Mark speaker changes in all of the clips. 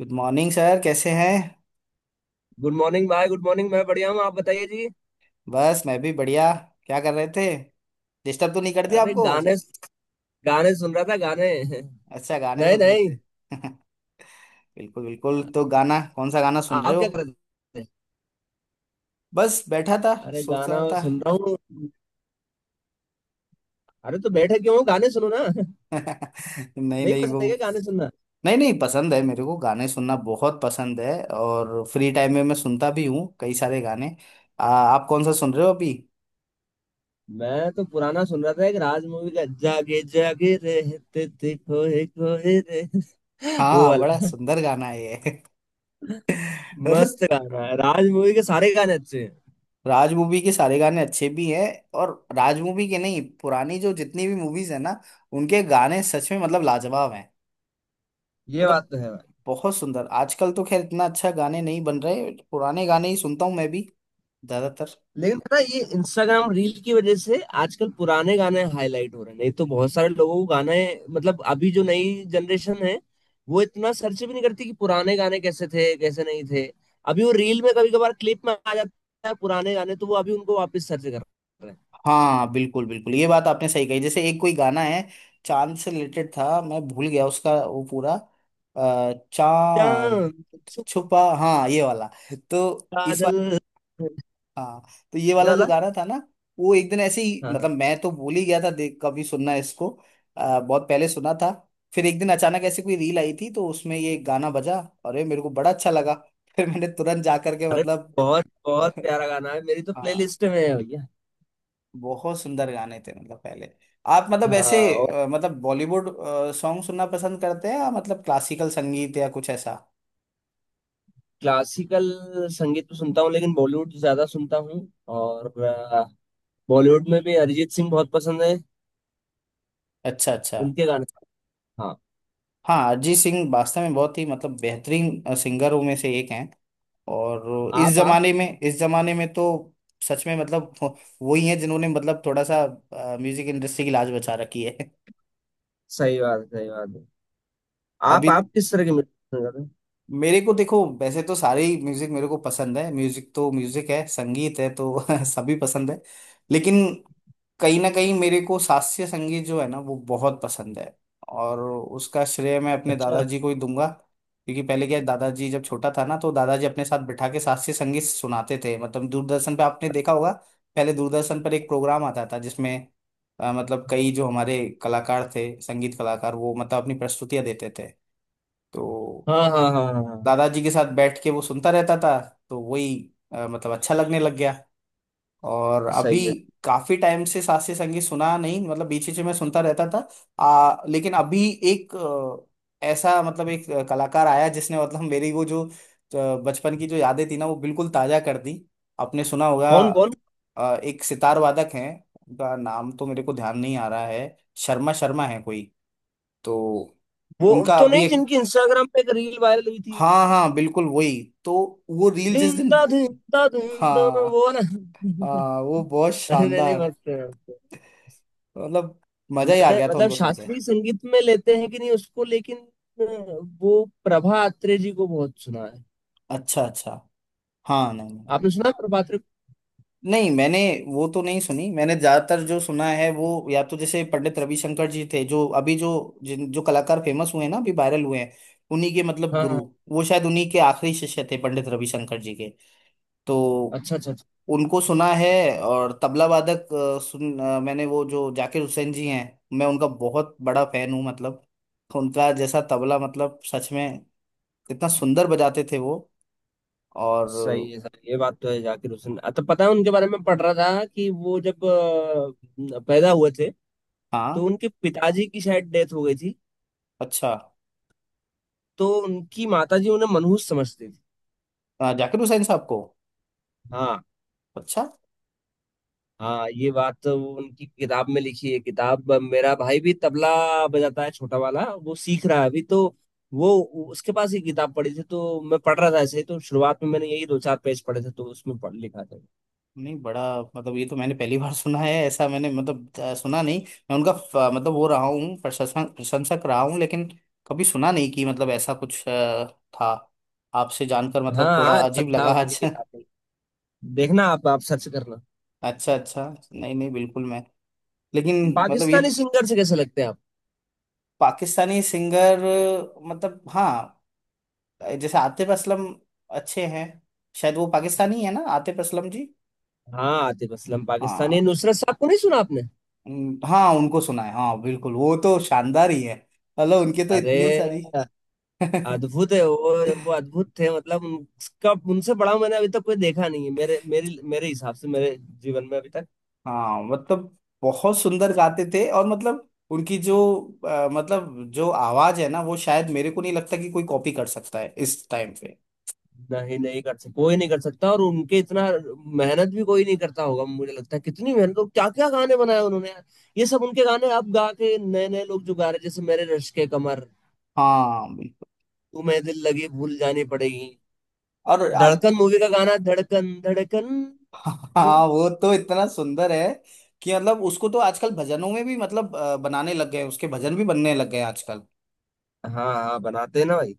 Speaker 1: Good morning sir, कैसे हैं।
Speaker 2: Good morning भाई, गुड मॉर्निंग। मैं बढ़िया हूँ, आप बताइए जी।
Speaker 1: बस मैं भी बढ़िया। क्या कर रहे थे? डिस्टर्ब तो नहीं कर दिया
Speaker 2: अरे
Speaker 1: आपको?
Speaker 2: गाने, गाने सुन रहा था गाने
Speaker 1: अच्छा, गाने
Speaker 2: नहीं
Speaker 1: सुन रहे
Speaker 2: नहीं।
Speaker 1: थे बिल्कुल बिल्कुल, तो गाना कौन सा गाना सुन रहे
Speaker 2: आप
Speaker 1: हो?
Speaker 2: क्या कर रहे थे?
Speaker 1: बस बैठा था,
Speaker 2: अरे
Speaker 1: सोच
Speaker 2: गाना
Speaker 1: रहा था।
Speaker 2: सुन रहा हूँ। अरे तो बैठे क्यों हो? गाने सुनो ना।
Speaker 1: नहीं
Speaker 2: नहीं
Speaker 1: नहीं वो।
Speaker 2: पसंद है क्या गाने सुनना?
Speaker 1: नहीं नहीं, पसंद है, मेरे को गाने सुनना बहुत पसंद है। और फ्री टाइम में मैं सुनता भी हूँ कई सारे गाने। आप कौन सा सुन रहे हो अभी?
Speaker 2: मैं तो पुराना सुन रहा था, एक राज मूवी का, जागे जागे रहते थे खोए खोए रे वो
Speaker 1: हाँ, बड़ा
Speaker 2: वाला।
Speaker 1: सुंदर गाना है ये मतलब
Speaker 2: मस्त गाना है, राज मूवी के सारे गाने अच्छे हैं।
Speaker 1: राज मूवी के सारे गाने अच्छे भी हैं। और राज मूवी के नहीं, पुरानी जो जितनी भी मूवीज है ना, उनके गाने सच में मतलब लाजवाब हैं।
Speaker 2: ये बात
Speaker 1: मतलब
Speaker 2: तो है।
Speaker 1: बहुत सुंदर। आजकल तो खैर इतना अच्छा गाने नहीं बन रहे, पुराने गाने ही सुनता हूँ मैं भी ज्यादातर।
Speaker 2: लेकिन ना, ये इंस्टाग्राम रील की वजह से आजकल पुराने गाने हाईलाइट हो रहे हैं, नहीं तो बहुत सारे लोगों को गाने मतलब, अभी जो नई जनरेशन है वो इतना सर्च भी नहीं करती कि पुराने गाने कैसे थे कैसे नहीं थे। अभी वो रील में कभी कभार क्लिप में आ जाता है पुराने गाने, तो वो अभी उनको वापस सर्च कर रहे हैं।
Speaker 1: हाँ बिल्कुल बिल्कुल, ये बात आपने सही कही। जैसे एक कोई गाना है, चांद से रिलेटेड था, मैं भूल गया उसका वो पूरा। चांद
Speaker 2: चांद छुपा
Speaker 1: छुपा। हाँ ये वाला। तो इस,
Speaker 2: बादल।
Speaker 1: हाँ, तो ये
Speaker 2: ये
Speaker 1: वाला जो
Speaker 2: वाला।
Speaker 1: गाना था ना, वो एक दिन ऐसे ही
Speaker 2: हाँ हाँ।
Speaker 1: मतलब मैं तो भूल ही गया था, देख कभी सुनना इसको। बहुत पहले सुना था। फिर एक दिन अचानक ऐसे कोई रील आई थी, तो उसमें ये गाना बजा। अरे, मेरे को बड़ा अच्छा लगा फिर मैंने तुरंत जा करके
Speaker 2: अरे
Speaker 1: मतलब
Speaker 2: बहुत बहुत प्यारा गाना है, मेरी तो
Speaker 1: हाँ,
Speaker 2: प्लेलिस्ट में है भैया।
Speaker 1: बहुत सुंदर गाने थे मतलब पहले। आप मतलब ऐसे
Speaker 2: हाँ।
Speaker 1: मतलब बॉलीवुड सॉन्ग सुनना पसंद करते हैं या मतलब क्लासिकल संगीत या कुछ ऐसा?
Speaker 2: क्लासिकल संगीत तो सुनता हूँ, लेकिन बॉलीवुड ज्यादा सुनता हूँ। और बॉलीवुड में भी अरिजीत सिंह बहुत पसंद है,
Speaker 1: अच्छा अच्छा।
Speaker 2: उनके गाने। हाँ।
Speaker 1: हाँ, अरिजीत सिंह वास्तव में बहुत ही मतलब बेहतरीन सिंगरों में से एक हैं। और इस
Speaker 2: आप
Speaker 1: जमाने में, इस जमाने में तो सच में मतलब वही है जिन्होंने मतलब थोड़ा सा म्यूजिक इंडस्ट्री की लाज बचा रखी है
Speaker 2: सही बात है, सही बात है।
Speaker 1: अभी
Speaker 2: आप किस तरह के म्यूजिक पसंद करते हैं?
Speaker 1: मेरे को देखो, वैसे तो सारे ही म्यूजिक मेरे को पसंद है। म्यूजिक तो म्यूजिक है, संगीत है तो सभी पसंद है। लेकिन कहीं ना कहीं मेरे को शास्त्रीय संगीत जो है ना वो बहुत पसंद है। और उसका श्रेय मैं अपने
Speaker 2: अच्छा।
Speaker 1: दादाजी को ही दूंगा, क्योंकि पहले क्या है, दादाजी जब छोटा था ना तो दादाजी अपने साथ बिठा के शास्त्रीय संगीत सुनाते थे। मतलब दूरदर्शन पे आपने देखा होगा, पहले दूरदर्शन पर एक प्रोग्राम आता था जिसमें मतलब कई जो हमारे कलाकार थे, संगीत कलाकार, वो मतलब अपनी प्रस्तुतियां देते थे। तो
Speaker 2: हाँ हाँ हाँ हाँ हाँ।
Speaker 1: दादाजी के साथ बैठ के वो सुनता रहता था। तो वही मतलब अच्छा लगने लग गया। और अभी
Speaker 2: सही है।
Speaker 1: काफी टाइम से शास्त्रीय संगीत सुना नहीं, मतलब बीच बीच में मैं सुनता रहता था। लेकिन अभी एक ऐसा मतलब एक कलाकार आया जिसने मतलब मेरी वो जो बचपन की जो यादें थी ना वो बिल्कुल ताजा कर दी। आपने सुना होगा
Speaker 2: कौन कौन?
Speaker 1: एक सितार वादक हैं। उनका नाम तो मेरे को ध्यान नहीं आ रहा है, शर्मा शर्मा है कोई। तो
Speaker 2: वो
Speaker 1: उनका
Speaker 2: तो
Speaker 1: अभी
Speaker 2: नहीं
Speaker 1: एक,
Speaker 2: जिनकी इंस्टाग्राम पे एक रील वायरल हुई थी?
Speaker 1: हाँ हाँ बिल्कुल वही तो। वो रील जिस
Speaker 2: दिन
Speaker 1: दिन,
Speaker 2: दा दिन दा दिन दा, वो
Speaker 1: हाँ
Speaker 2: वाला।
Speaker 1: हाँ, वो बहुत
Speaker 2: अरे नहीं नहीं,
Speaker 1: शानदार।
Speaker 2: मस्त है।
Speaker 1: मतलब मजा ही आ
Speaker 2: मैंने
Speaker 1: गया था
Speaker 2: मतलब
Speaker 1: उनको सुन के।
Speaker 2: शास्त्रीय संगीत में लेते हैं कि नहीं उसको, लेकिन वो प्रभा अत्रे जी को बहुत सुना है।
Speaker 1: अच्छा अच्छा। हाँ नहीं नहीं,
Speaker 2: आपने सुना है प्रभा अत्रे को?
Speaker 1: नहीं मैंने वो तो नहीं सुनी। मैंने ज्यादातर जो सुना है वो या तो जैसे पंडित रविशंकर जी थे, जो अभी जो जिन जो कलाकार फेमस हुए हैं ना, अभी वायरल हुए हैं, उन्हीं के मतलब
Speaker 2: हाँ
Speaker 1: गुरु,
Speaker 2: हाँ।
Speaker 1: वो शायद उन्हीं के आखिरी शिष्य थे पंडित रविशंकर जी के। तो
Speaker 2: अच्छा अच्छा अच्छा।
Speaker 1: उनको सुना है। और तबला वादक सुन मैंने वो जो जाकिर हुसैन जी हैं, मैं उनका बहुत बड़ा फैन हूँ। मतलब उनका जैसा तबला, मतलब सच में, इतना सुंदर बजाते थे वो। और
Speaker 2: सही है सर, ये बात तो है। जाकिर हुसैन, तो पता है, उनके बारे में पढ़ रहा था कि वो जब पैदा हुए थे
Speaker 1: हाँ,
Speaker 2: तो उनके पिताजी की शायद डेथ हो गई थी,
Speaker 1: अच्छा,
Speaker 2: तो उनकी माताजी उन्हें मनहूस समझती थी।
Speaker 1: जाकिर हुसैन साहब को?
Speaker 2: हाँ
Speaker 1: अच्छा,
Speaker 2: हाँ, ये बात तो वो उनकी किताब में लिखी है। किताब, मेरा भाई भी तबला बजाता है छोटा वाला, वो सीख रहा है अभी तो वो, उसके पास ये किताब पड़ी थी तो मैं पढ़ रहा था ऐसे ही, तो शुरुआत में मैंने यही दो चार पेज पढ़े थे, तो उसमें पढ़ लिखा था।
Speaker 1: नहीं बड़ा मतलब ये तो मैंने पहली बार सुना है ऐसा। मैंने मतलब सुना नहीं। मैं उनका मतलब वो रहा हूँ, प्रशंसक प्रशंसक रहा हूँ, लेकिन कभी सुना नहीं कि मतलब ऐसा कुछ था। आपसे जानकर
Speaker 2: हाँ
Speaker 1: मतलब
Speaker 2: हाँ,
Speaker 1: थोड़ा
Speaker 2: अच्छा
Speaker 1: अजीब
Speaker 2: था
Speaker 1: लगा
Speaker 2: उनकी
Speaker 1: आज
Speaker 2: किताब में, देखना आप सर्च करना।
Speaker 1: अच्छा अच्छा, नहीं नहीं बिल्कुल मैं, लेकिन मतलब ये
Speaker 2: पाकिस्तानी
Speaker 1: तो,
Speaker 2: सिंगर से कैसे लगते हैं आप?
Speaker 1: पाकिस्तानी सिंगर, मतलब हाँ, जैसे आतिफ असलम, अच्छे हैं। शायद वो पाकिस्तानी है ना, आतिफ असलम जी?
Speaker 2: हाँ, आतिफ असलम पाकिस्तानी।
Speaker 1: हाँ,
Speaker 2: नुसरत साहब को नहीं सुना आपने?
Speaker 1: हाँ उनको सुना है, हाँ बिल्कुल, वो तो शानदार ही है। मतलब उनके तो
Speaker 2: अरे
Speaker 1: इतनी सारी
Speaker 2: अद्भुत है वो अद्भुत थे। मतलब उनका, उनसे बड़ा मैंने अभी तक कोई देखा नहीं है, मेरे मेरे मेरे हिसाब से मेरे जीवन में अभी तक।
Speaker 1: हाँ, मतलब बहुत सुंदर गाते थे। और मतलब उनकी जो मतलब जो आवाज है ना वो शायद मेरे को नहीं लगता कि कोई कॉपी कर सकता है इस टाइम पे।
Speaker 2: नहीं नहीं कर सकता, कोई नहीं कर सकता, और उनके इतना मेहनत भी कोई नहीं करता होगा मुझे लगता है। कितनी मेहनत, और क्या क्या गाने बनाए उन्होंने यार। ये सब उनके गाने अब गा के नए नए लोग जो गा रहे हैं, जैसे मेरे रश्क के कमर,
Speaker 1: हाँ बिल्कुल।
Speaker 2: तुम्हें दिल लगी भूल जानी पड़ेगी,
Speaker 1: और आप
Speaker 2: धड़कन मूवी का गाना धड़कन धड़कन, वो।
Speaker 1: हाँ वो तो इतना सुंदर है कि मतलब उसको तो आजकल भजनों में भी मतलब बनाने लग गए हैं, उसके भजन भी बनने लग गए हैं आजकल।
Speaker 2: हाँ हाँ बनाते हैं ना भाई,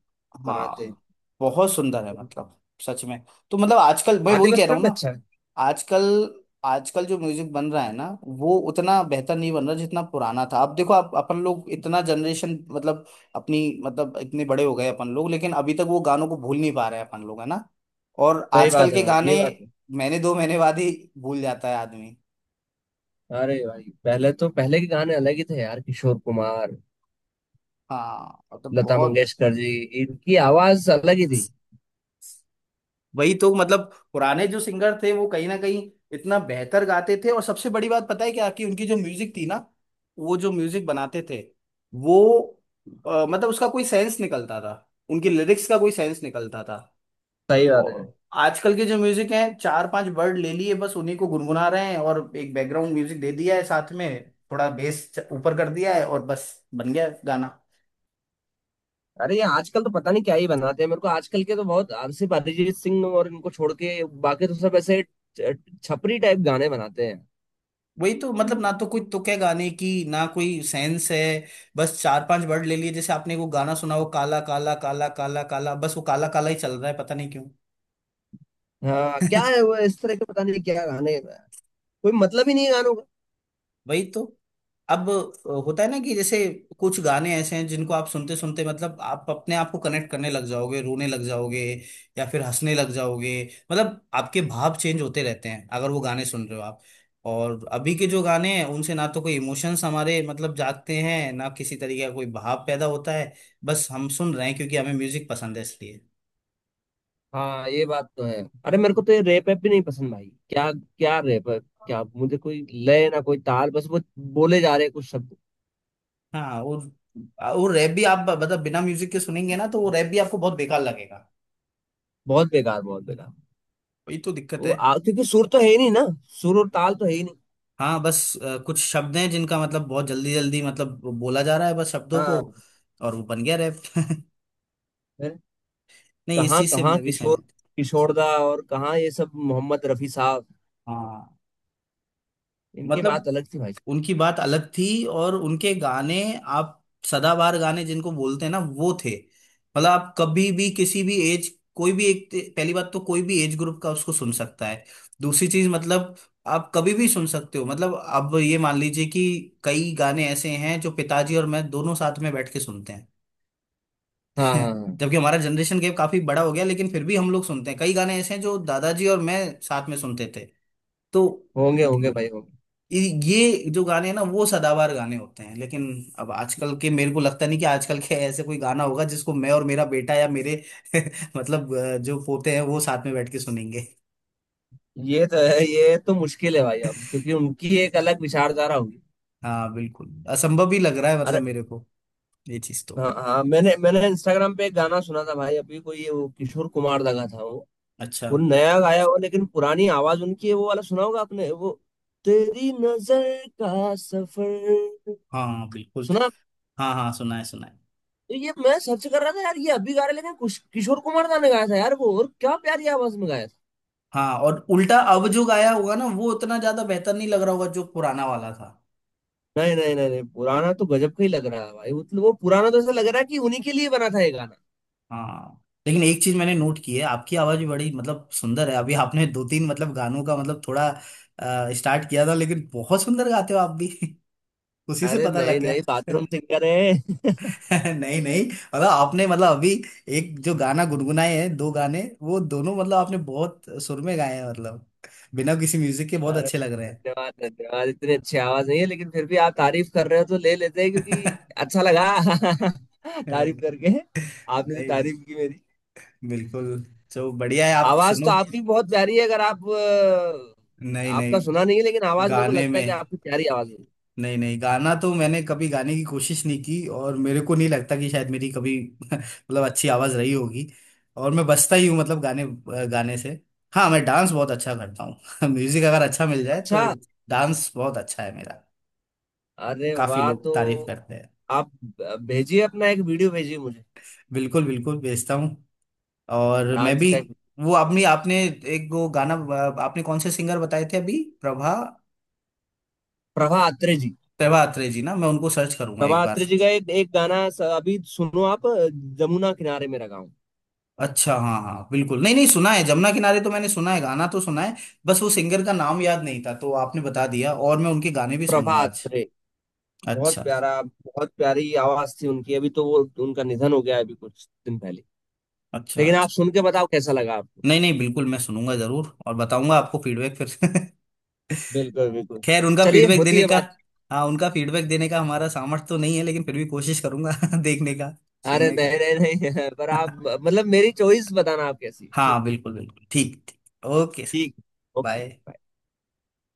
Speaker 2: बनाते हैं।
Speaker 1: हाँ बहुत सुंदर है मतलब सच में। तो मतलब आजकल मैं
Speaker 2: आतिफ
Speaker 1: वही कह रहा
Speaker 2: असलम
Speaker 1: हूँ
Speaker 2: भी
Speaker 1: ना।
Speaker 2: अच्छा है।
Speaker 1: आजकल, आजकल जो म्यूजिक बन रहा है ना वो उतना बेहतर नहीं बन रहा जितना पुराना था। अब देखो आप, अपन लोग इतना जनरेशन मतलब अपनी मतलब इतने बड़े हो गए अपन लोग, लेकिन अभी तक वो गानों को भूल नहीं पा रहे हैं अपन लोग, है ना। और
Speaker 2: सही
Speaker 1: आजकल
Speaker 2: बात है
Speaker 1: के
Speaker 2: भाई, ये
Speaker 1: गाने
Speaker 2: बात है।
Speaker 1: महीने दो महीने बाद ही भूल जाता है आदमी।
Speaker 2: अरे भाई पहले तो, पहले के गाने अलग ही थे यार, किशोर कुमार,
Speaker 1: हाँ मतलब
Speaker 2: लता
Speaker 1: बहुत।
Speaker 2: मंगेशकर जी, इनकी आवाज अलग ही थी।
Speaker 1: वही तो मतलब पुराने जो सिंगर थे वो कहीं ना कहीं इतना बेहतर गाते थे। और सबसे बड़ी बात पता है क्या, कि उनकी जो म्यूजिक थी ना, वो जो म्यूजिक बनाते थे, वो मतलब उसका कोई सेंस निकलता था, उनकी लिरिक्स का कोई सेंस निकलता था।
Speaker 2: सही बात है।
Speaker 1: और आजकल के जो म्यूजिक हैं, चार पांच वर्ड ले लिए बस उन्हीं को गुनगुना रहे हैं और एक बैकग्राउंड म्यूजिक दे दिया है साथ में, थोड़ा बेस ऊपर कर दिया है और बस बन गया गाना।
Speaker 2: अरे ये आजकल तो पता नहीं क्या ही बनाते हैं, मेरे को आजकल के तो बहुत, सिर्फ अरिजीत सिंह और इनको छोड़ के बाकी तो सब ऐसे छ- छपरी टाइप गाने बनाते हैं।
Speaker 1: वही तो मतलब, ना तो कोई तुक है गाने की ना कोई सेंस है। बस चार पांच वर्ड ले लिए, जैसे आपने वो गाना सुना, वो काला काला काला काला काला, बस वो काला काला ही चल रहा है, पता नहीं क्यों।
Speaker 2: हाँ क्या है वो, इस तरह के पता नहीं क्या गाने, कोई मतलब ही नहीं है गानों का।
Speaker 1: वही तो। अब होता है ना कि जैसे कुछ गाने ऐसे हैं जिनको आप सुनते सुनते मतलब आप अपने आप को कनेक्ट करने लग जाओगे, रोने लग जाओगे या फिर हंसने लग जाओगे। मतलब आपके भाव चेंज होते रहते हैं अगर वो गाने सुन रहे हो आप। और अभी के जो गाने हैं उनसे ना तो कोई इमोशंस हमारे मतलब जागते हैं, ना किसी तरीके का कोई भाव पैदा होता है। बस हम सुन रहे हैं क्योंकि हमें म्यूजिक पसंद है इसलिए।
Speaker 2: हाँ ये बात तो है। अरे मेरे को तो ये रैप भी नहीं पसंद भाई, क्या क्या रैप क्या, मुझे कोई लय ना कोई ताल, बस वो बोले जा रहे हैं कुछ शब्द।
Speaker 1: हाँ। और रैप भी आप मतलब बिना म्यूजिक के सुनेंगे ना तो वो रैप भी आपको बहुत बेकार लगेगा।
Speaker 2: बहुत बेकार, बहुत बेकार।
Speaker 1: वही तो दिक्कत
Speaker 2: वो
Speaker 1: है।
Speaker 2: क्योंकि सुर तो है ही नहीं ना, सुर और ताल तो है ही नहीं।
Speaker 1: हाँ बस कुछ शब्द हैं जिनका मतलब बहुत जल्दी जल्दी मतलब बोला जा रहा है, बस शब्दों को।
Speaker 2: हाँ।
Speaker 1: और वो बन गया रैप
Speaker 2: फिर
Speaker 1: नहीं इस
Speaker 2: कहाँ
Speaker 1: चीज से
Speaker 2: कहाँ
Speaker 1: मैं भी
Speaker 2: किशोर,
Speaker 1: सहमत
Speaker 2: किशोरदा, और कहाँ ये सब, मोहम्मद रफी साहब,
Speaker 1: हूँ। हाँ
Speaker 2: इनकी
Speaker 1: मतलब
Speaker 2: बात अलग थी भाई।
Speaker 1: उनकी बात अलग थी। और उनके गाने, आप, सदाबहार गाने जिनको बोलते हैं ना वो थे। मतलब आप कभी भी किसी भी एज, कोई भी एक, पहली बात तो कोई भी एज ग्रुप का उसको सुन सकता है। दूसरी चीज मतलब आप कभी भी सुन सकते हो, मतलब अब ये मान लीजिए कि कई गाने ऐसे हैं जो पिताजी और मैं दोनों साथ में बैठ के सुनते हैं
Speaker 2: हाँ हाँ
Speaker 1: हैं
Speaker 2: हाँ।
Speaker 1: जबकि हमारा जनरेशन गैप काफी बड़ा हो गया, लेकिन फिर भी हम लोग सुनते हैं। कई गाने ऐसे हैं जो दादाजी और मैं साथ में सुनते थे। तो
Speaker 2: होंगे होंगे
Speaker 1: हम्म,
Speaker 2: भाई, होंगे।
Speaker 1: ये ये जो गाने हैं ना वो सदाबहार गाने होते हैं। लेकिन अब आजकल के, मेरे को लगता नहीं कि आजकल के ऐसे कोई गाना होगा जिसको मैं और मेरा बेटा या मेरे मतलब जो पोते हैं वो साथ में बैठ के सुनेंगे।
Speaker 2: ये तो है, ये तो मुश्किल है भाई अब, क्योंकि उनकी एक अलग विचारधारा होगी।
Speaker 1: हाँ बिल्कुल, असंभव ही लग रहा है
Speaker 2: अरे
Speaker 1: मतलब मेरे को। ये चीज तो,
Speaker 2: हाँ हाँ, मैंने मैंने इंस्टाग्राम पे एक गाना सुना था भाई अभी, कोई ये वो किशोर कुमार लगा था,
Speaker 1: अच्छा,
Speaker 2: वो नया गाया हुआ, लेकिन पुरानी आवाज उनकी है, वो वाला सुना होगा आपने, वो तेरी नजर का सफर।
Speaker 1: हाँ बिल्कुल,
Speaker 2: सुना?
Speaker 1: हाँ हाँ सुना है सुना है।
Speaker 2: तो ये मैं सर्च कर रहा था यार, ये अभी गा रहे, लेकिन किशोर कुमार दा ने गाया था यार वो, और क्या प्यारी आवाज में गाया था।
Speaker 1: हाँ और उल्टा अब जो गाया होगा ना वो उतना ज्यादा बेहतर नहीं लग रहा होगा जो पुराना वाला था।
Speaker 2: नहीं नहीं नहीं नहीं, पुराना तो गजब का ही लग रहा है भाई, मतलब वो पुराना तो ऐसा लग रहा है कि उन्हीं के लिए बना था ये गाना।
Speaker 1: हाँ। लेकिन एक चीज मैंने नोट की है, आपकी आवाज भी बड़ी मतलब सुंदर है। अभी आपने दो तीन मतलब गानों का मतलब थोड़ा स्टार्ट किया था, लेकिन बहुत सुंदर गाते हो आप भी उसी से
Speaker 2: अरे
Speaker 1: पता लग
Speaker 2: नहीं
Speaker 1: गया।
Speaker 2: नहीं, बाथरूम सिंगर है।
Speaker 1: नहीं नहीं, मतलब आपने मतलब अभी एक जो गाना गुनगुनाए हैं दो गाने, वो दोनों मतलब आपने बहुत सुर में गाए हैं। मतलब बिना किसी म्यूजिक के बहुत
Speaker 2: अरे
Speaker 1: अच्छे लग रहे
Speaker 2: धन्यवाद, धन्यवाद। इतनी अच्छी आवाज नहीं है, लेकिन फिर भी आप तारीफ कर रहे हो तो ले लेते हैं, क्योंकि
Speaker 1: हैं।
Speaker 2: अच्छा लगा तारीफ करके, आपने जो
Speaker 1: नहीं
Speaker 2: तारीफ की मेरी।
Speaker 1: बिल्कुल, तो बढ़िया है, आप
Speaker 2: आवाज
Speaker 1: सुनो।
Speaker 2: तो आपकी बहुत प्यारी है, अगर आप
Speaker 1: नहीं नहीं,
Speaker 2: आपका सुना नहीं है, लेकिन आवाज मेरे को
Speaker 1: गाने
Speaker 2: लगता है
Speaker 1: में,
Speaker 2: कि आपकी प्यारी आवाज है।
Speaker 1: नहीं नहीं, गाना तो मैंने कभी गाने की कोशिश नहीं की और मेरे को नहीं लगता कि शायद मेरी कभी मतलब अच्छी आवाज रही होगी। और मैं बजता ही हूँ मतलब गाने, गाने से। हाँ मैं डांस बहुत अच्छा करता हूँ म्यूजिक अगर अच्छा मिल जाए तो
Speaker 2: अच्छा।
Speaker 1: डांस बहुत अच्छा है मेरा।
Speaker 2: अरे
Speaker 1: काफी
Speaker 2: वाह,
Speaker 1: लोग
Speaker 2: तो
Speaker 1: तारीफ करते हैं।
Speaker 2: आप भेजिए, अपना एक वीडियो भेजिए मुझे,
Speaker 1: बिल्कुल बिल्कुल, भेजता हूँ। और मैं
Speaker 2: डांस
Speaker 1: भी।
Speaker 2: का एक।
Speaker 1: वो आपने आपने एक वो गाना, आपने कौन से सिंगर बताए थे अभी? प्रभा,
Speaker 2: प्रभा अत्रे जी।
Speaker 1: प्रभा अत्रे जी ना, मैं उनको सर्च करूंगा एक
Speaker 2: प्रभा
Speaker 1: बार।
Speaker 2: अत्रे जी का एक, एक गाना अभी सुनो आप, जमुना किनारे मेरा गाँव।
Speaker 1: अच्छा हाँ हाँ बिल्कुल, नहीं नहीं सुना है, जमुना किनारे तो मैंने सुना है, गाना तो सुना है, बस वो सिंगर का नाम याद नहीं था। तो आपने बता दिया और मैं उनके गाने भी
Speaker 2: प्रभा
Speaker 1: सुनूंगा आज।
Speaker 2: अत्रे, बहुत
Speaker 1: अच्छा
Speaker 2: प्यारा, बहुत प्यारी आवाज थी उनकी। अभी तो वो, उनका निधन हो गया है अभी कुछ दिन पहले।
Speaker 1: अच्छा
Speaker 2: लेकिन आप
Speaker 1: अच्छा।
Speaker 2: सुन के बताओ कैसा लगा आपको।
Speaker 1: नहीं नहीं बिल्कुल, मैं सुनूंगा जरूर और बताऊंगा आपको फीडबैक फिर
Speaker 2: बिल्कुल बिल्कुल।
Speaker 1: खैर उनका
Speaker 2: चलिए,
Speaker 1: फीडबैक
Speaker 2: होती
Speaker 1: देने
Speaker 2: है
Speaker 1: का,
Speaker 2: बात।
Speaker 1: हाँ, उनका फीडबैक देने का हमारा सामर्थ्य तो नहीं है, लेकिन फिर भी कोशिश करूंगा देखने का,
Speaker 2: अरे
Speaker 1: सुनने का
Speaker 2: नहीं नहीं नहीं पर आप मतलब मेरी चॉइस बताना आप कैसी है।
Speaker 1: हाँ बिल्कुल बिल्कुल, ठीक ठीक, ओके सर,
Speaker 2: ठीक। ओके।
Speaker 1: बाय।